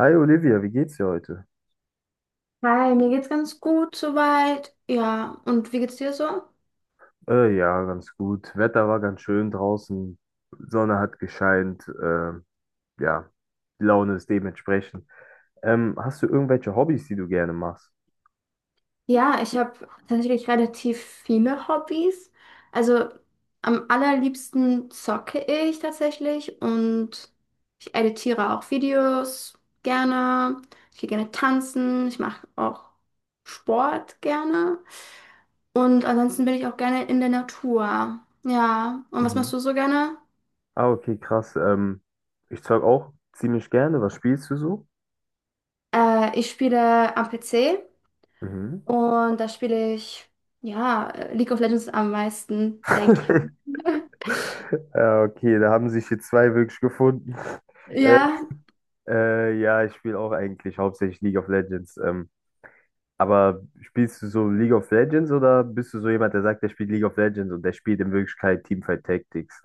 Hi Olivia, wie geht's dir heute? Hi, mir geht's ganz gut soweit. Ja, und wie geht's dir so? Ja, ganz gut. Wetter war ganz schön draußen, Sonne hat gescheint, ja, die Laune ist dementsprechend. Hast du irgendwelche Hobbys, die du gerne machst? Ja, ich habe tatsächlich relativ viele Hobbys. Also am allerliebsten zocke ich tatsächlich und ich editiere auch Videos gerne. Ich gehe gerne tanzen. Ich mache auch Sport gerne. Und ansonsten bin ich auch gerne in der Natur. Ja, und was Mhm. machst du so gerne? Ah, okay, krass. Ich zeug auch ziemlich gerne. Was spielst du so? Ich spiele am PC. Mhm. Und da spiele ich, ja, League of Legends am meisten, denke ich. Ja, okay, da haben sich hier zwei wirklich gefunden. Äh, Ja, ja, ich spiele auch eigentlich hauptsächlich League of Legends. Aber spielst du so League of Legends oder bist du so jemand, der sagt, der spielt League of Legends und der spielt in Wirklichkeit Teamfight Tactics?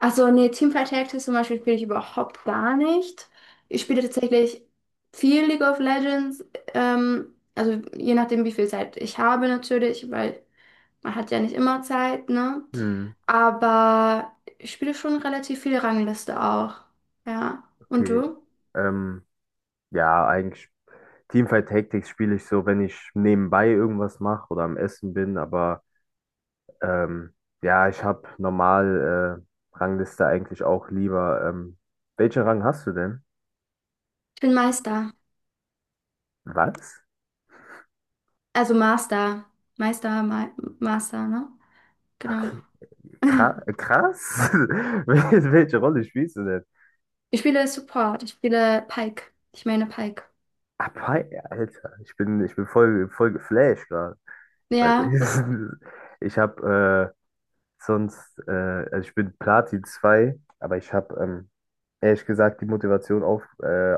also nee, Teamfight Tactics zum Beispiel spiele ich überhaupt gar nicht. Ich spiele tatsächlich viel League of Legends, also je nachdem, wie viel Zeit ich habe natürlich, weil man hat ja nicht immer Zeit, ne? Hm, Aber ich spiele schon relativ viel Rangliste auch. Ja. Und okay. du? Ähm, ja, eigentlich Teamfight Tactics spiele ich so, wenn ich nebenbei irgendwas mache oder am Essen bin, aber ähm, ja, ich habe normal Rangliste eigentlich auch lieber. Welchen Rang hast du denn? Ich bin Meister. Was? Also Master. Meister, Ma Master, ne? Genau. Krass. Welche Rolle spielst du denn? Ich spiele Support, ich spiele Pike. Ich meine Pike. Aber, Alter, ich bin voll, voll geflasht gerade. Weil Ja, w- ich, ich habe sonst, also ich bin Platin zwei, aber ich habe ehrlich gesagt die Motivation auf,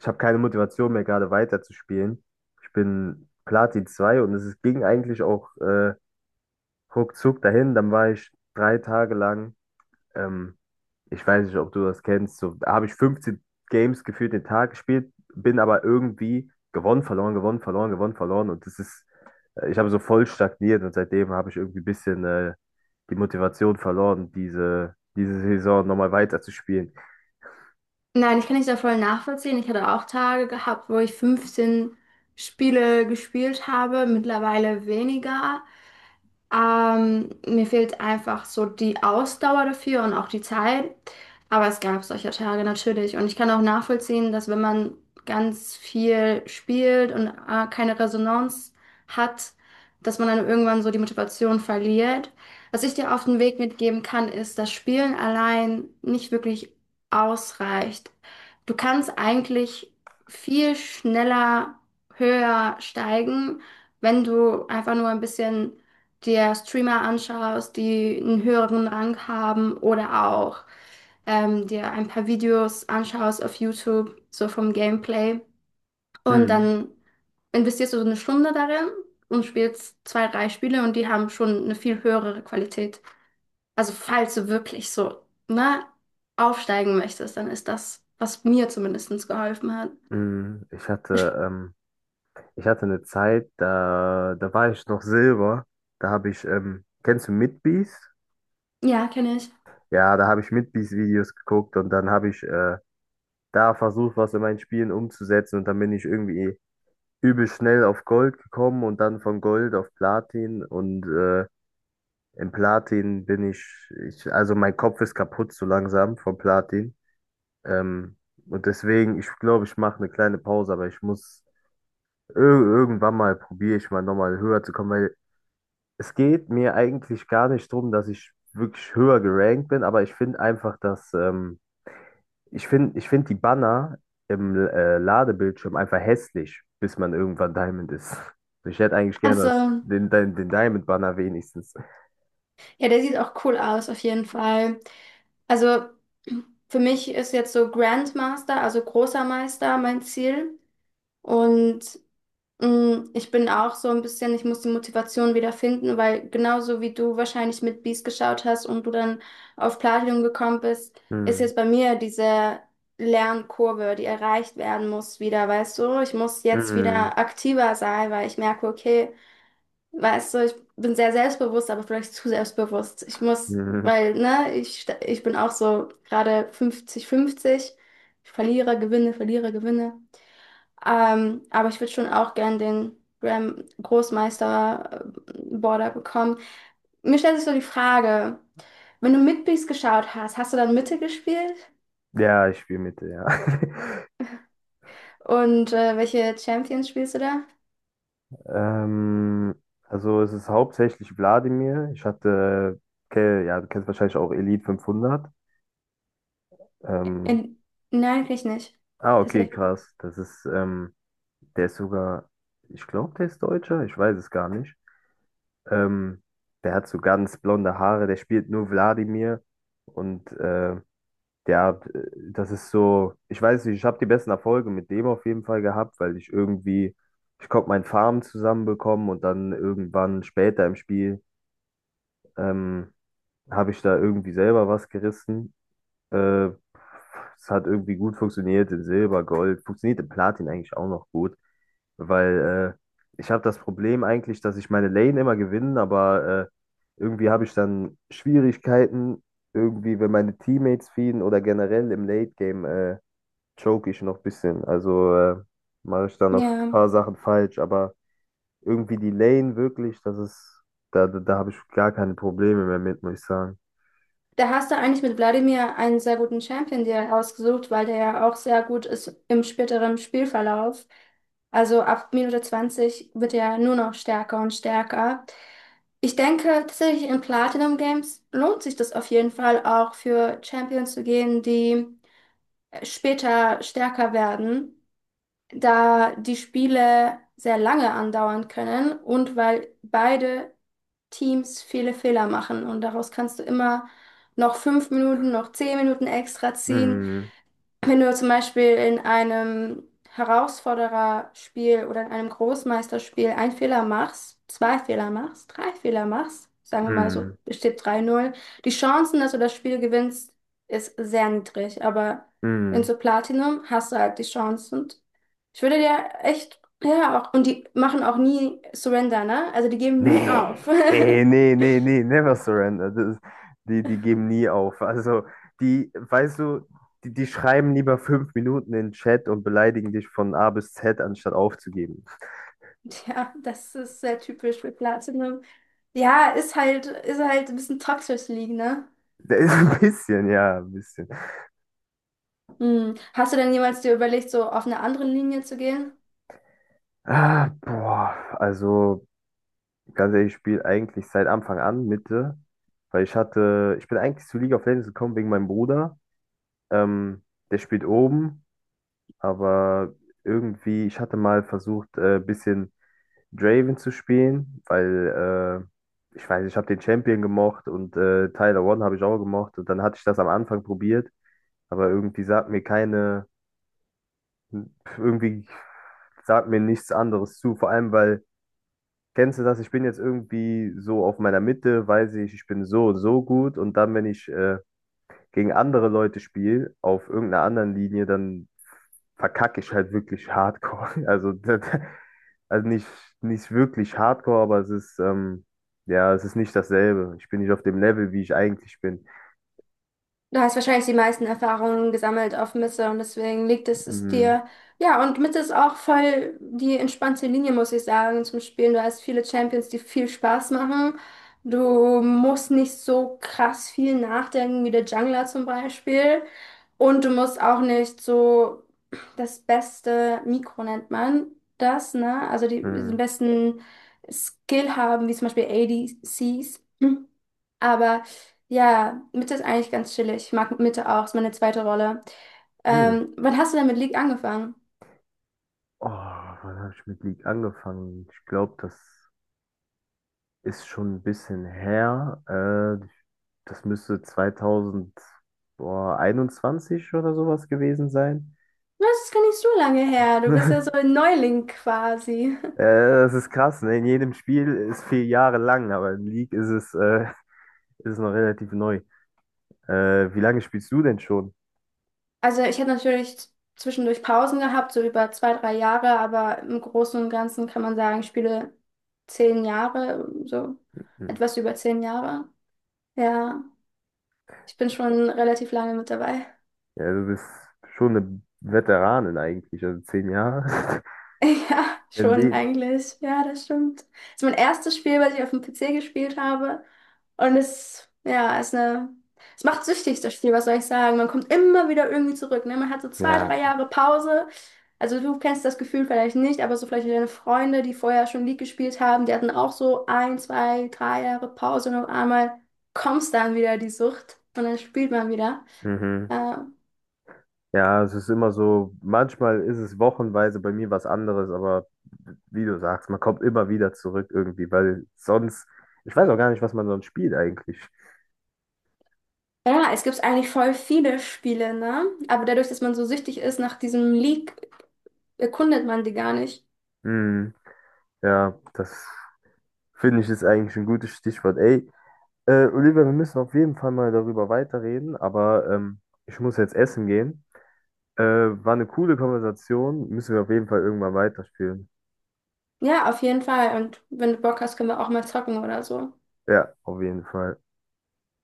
ich habe keine Motivation mehr gerade weiterzuspielen. Ich bin Platin 2 und es ist- ging eigentlich auch ruckzuck dahin. Dann war ich 3 Tage lang. Ähm, Ich weiß nicht, ob du das kennst. So, da habe ich 15 Games gefühlt den Tag gespielt, bin aber irgendwie gewonnen, verloren, gewonnen, verloren, gewonnen, verloren. Und das ist, ich habe so voll stagniert und seitdem habe ich irgendwie ein bisschen die Motivation verloren, diese Saison nochmal weiterzuspielen. nein, ich kann nicht da voll nachvollziehen. Ich hatte auch Tage gehabt, wo ich 15 Spiele gespielt habe, mittlerweile weniger. Mir fehlt einfach so die Ausdauer dafür und auch die Zeit. Aber es gab solche Tage natürlich. Und ich kann auch nachvollziehen, dass wenn man ganz viel spielt und keine Resonanz hat, dass man dann irgendwann so die Motivation verliert. Was ich dir auf den Weg mitgeben kann, ist, dass Spielen allein nicht wirklich ausreicht. Du kannst eigentlich viel schneller, höher steigen, wenn du einfach nur ein bisschen dir Streamer anschaust, die einen höheren Rang haben oder auch dir ein paar Videos anschaust auf YouTube, so vom Gameplay. Und Hm. dann investierst du so eine Stunde darin und spielst zwei, drei Spiele und die haben schon eine viel höhere Qualität. Also falls du wirklich so, ne, aufsteigen möchtest, dann ist das, was mir zumindest geholfen hat. Hm. Ich- Ich hatte eine Zeit, da war ich noch Silber. Da habe ich, kennst du Midbeast? Ja, kenne ich. Ja, da habe ich Midbeast-Videos geguckt und dann habe ich da versucht, was in meinen Spielen umzusetzen. Und dann bin ich irgendwie übel schnell auf Gold gekommen und dann von Gold auf Platin. Und im Platin bin ich, also mein Kopf ist kaputt so langsam vom Platin. Ähm, und deswegen, ich glaube, ich mache eine kleine Pause, aber ich muss ir irgendwann mal probiere ich mal nochmal höher zu kommen, weil es geht mir eigentlich gar nicht drum, dass ich wirklich höher gerankt bin, aber ich finde einfach, dass ich find die Banner im Ladebildschirm einfach hässlich, bis man irgendwann Diamond ist. Also ich hätte eigentlich gerne das, Also, den, den, den Diamond-Banner wenigstens. ja, der sieht auch cool aus, auf jeden Fall. Also für mich ist jetzt so Grandmaster, also großer Meister, mein Ziel. Und ich bin auch so ein bisschen, ich muss die Motivation wieder finden, weil genauso wie du wahrscheinlich mit Beast geschaut hast und du dann auf Platinum gekommen bist, ist Hm. jetzt bei mir diese Lernkurve, die erreicht werden muss, wieder, weißt du? Ich muss jetzt Mhm. wieder aktiver sein, weil ich merke, okay. Weißt du, ich bin sehr selbstbewusst, aber vielleicht zu selbstbewusst. Ich muss, Mhm. weil, ne, ich bin auch so gerade 50-50. Ich verliere, gewinne, verliere, gewinne. Aber ich würde schon auch gern den Grand Großmeister Border bekommen. Mir stellt sich so die Frage, wenn du Midbeast geschaut hast, hast du dann Mitte gespielt? Ja, ich spiele Mitte, ja. Und welche Champions spielst du da? Ähm, also es ist hauptsächlich Wladimir. Ich hatte, ja, du kennst wahrscheinlich auch Elite 500. Ähm, In, nein, kann ich nicht. ah, okay, Tatsächlich. krass. Das ist, der ist sogar, ich glaube, der ist Deutscher. Ich weiß es gar nicht. Ähm, Der hat so ganz blonde Haare, der spielt nur Wladimir und der, äh, das ist so, ich weiß nicht, ich habe die besten Erfolge mit dem auf jeden Fall gehabt, weil ich irgendwie, ich konnte mein Farm zusammenbekommen und dann irgendwann später im Spiel ähm, habe ich da irgendwie selber was gerissen, äh, es hat irgendwie gut funktioniert in Silber, Gold, funktioniert in Platin eigentlich auch noch gut, weil ich habe das Problem eigentlich, dass ich meine Lane immer gewinne, aber irgendwie habe ich dann Schwierigkeiten, irgendwie, wenn meine Teammates feeden oder generell im Late Game choke ich noch ein bisschen. Also mache ich dann noch ein Ja. paar Sachen falsch, aber irgendwie die Lane wirklich, das ist, da habe ich gar keine Probleme mehr mit, muss ich sagen. Da hast du eigentlich mit Wladimir einen sehr guten Champion dir rausgesucht, weil der ja auch sehr gut ist im späteren Spielverlauf. Also ab Minute 20 wird er nur noch stärker und stärker. Ich denke tatsächlich in Platinum Games lohnt sich das auf jeden Fall auch für Champions zu gehen, die später stärker werden, da die Spiele sehr lange andauern können und weil beide Teams viele Fehler machen und daraus kannst du immer noch 5 Minuten, noch 10 Minuten extra ziehen. Mm, Wenn du zum Beispiel in einem Herausfordererspiel oder in einem Großmeisterspiel einen Fehler machst, zwei Fehler machst, drei Fehler machst, sagen wir mal so, mm, es steht drei null, die Chancen, dass du das Spiel gewinnst, ist sehr niedrig, aber in mm. so Platinum hast du halt die Chance und ich würde dir echt, ja, auch, und die machen auch nie Surrender, ne? Also die geben nie Nee, auf. ey, nee, nee, nee, never surrender. Das ist, die geben nie auf. Also, die, weißt du, die schreiben lieber 5 Minuten in den Chat und beleidigen dich von A bis Z, anstatt aufzugeben. Ja, das ist sehr typisch für Platinum. Ja, ist halt ein bisschen toxisch League, ne? Der ist ein bisschen, ja, ein bisschen. Hm. Hast du denn jemals dir überlegt, so auf eine andere Linie zu gehen? Ah, boah, also, ganz ehrlich, ich spiele eigentlich seit Anfang an Mitte, weil ich bin eigentlich zu League of Legends gekommen wegen meinem Bruder. Ähm, Der spielt oben, aber irgendwie, ich hatte mal versucht, ein bisschen Draven zu spielen, weil ich weiß, ich habe den Champion gemocht und Tyler One habe ich auch gemocht und dann hatte ich das am Anfang probiert, aber irgendwie sagt mir nichts anderes zu, vor allem weil, kennst du das, ich bin jetzt irgendwie so auf meiner Mitte, weiß ich, ich bin so und so gut und dann, wenn ich gegen andere Leute spiele, auf irgendeiner anderen Linie, dann verkacke ich halt wirklich hardcore. Also, das, also nicht, nicht wirklich hardcore, aber es ist, ja, es ist nicht dasselbe. Ich bin nicht auf dem Level, wie ich eigentlich bin. Du hast wahrscheinlich die meisten Erfahrungen gesammelt auf Misse und deswegen es Mhm. dir. Ja, und Misse ist auch voll die entspannte Linie, muss ich sagen, zum Spielen. Du hast viele Champions, die viel Spaß machen. Du musst nicht so krass viel nachdenken wie der Jungler zum Beispiel. Und du musst auch nicht so das beste Mikro nennt man das, ne? Also die, den Mhm. besten Skill haben, wie zum Beispiel ADCs. Aber ja, Mitte ist eigentlich ganz chillig. Ich mag Mitte auch, ist meine zweite Rolle. Mhm. Wann hast du denn mit League angefangen? Oh, wann habe ich mit League angefangen? Ich glaube, das ist schon ein bisschen her. Äh, Das müsste 2021 oder sowas gewesen sein. Das ist gar nicht so lange her. Du bist ja so ein Neuling quasi. Das ist krass, ne? In jedem Spiel ist 4 Jahre lang, aber in League ist es, ist es noch relativ neu. Wie lange spielst du denn schon? Also ich habe natürlich zwischendurch Pausen gehabt, so über zwei, drei Jahre, aber im Großen und Ganzen kann man sagen, ich spiele 10 Jahre, so Hm. etwas über 10 Jahre. Ja, ich bin schon relativ lange mit dabei. Ja, du bist schon eine Veteranin eigentlich, also 10 Jahre. Ja, schon Irgendwie. eigentlich. Ja, das stimmt. Das ist mein erstes Spiel, was ich auf dem PC gespielt habe. Und ja, ist es macht süchtig, das Spiel, was soll ich sagen? Man kommt immer wieder irgendwie zurück, ne? Man hat so zwei, Ja. drei Jahre Pause. Also du kennst das Gefühl vielleicht nicht, aber so vielleicht deine Freunde, die vorher schon League gespielt haben, die hatten auch so ein, zwei, drei Jahre Pause und auf einmal kommst dann wieder die Sucht und dann spielt man wieder. Mhm. Äh, Ja, es ist immer so, manchmal ist es wochenweise bei mir was anderes, aber wie du sagst, man kommt immer wieder zurück irgendwie, weil sonst, ich weiß auch gar nicht, was man sonst spielt eigentlich. Ja, es gibt eigentlich voll viele Spiele, ne? Aber dadurch, dass man so süchtig ist nach diesem League, erkundet man die gar nicht. Hm. Ja, das finde ich ist eigentlich ein gutes Stichwort. Ey, Olivia, wir müssen auf jeden Fall mal darüber weiterreden, aber ich muss jetzt essen gehen. War eine coole Konversation, müssen wir auf jeden Fall irgendwann weiterspielen. Ja, auf jeden Fall. Und wenn du Bock hast, können wir auch mal zocken oder so. Ja, auf jeden Fall.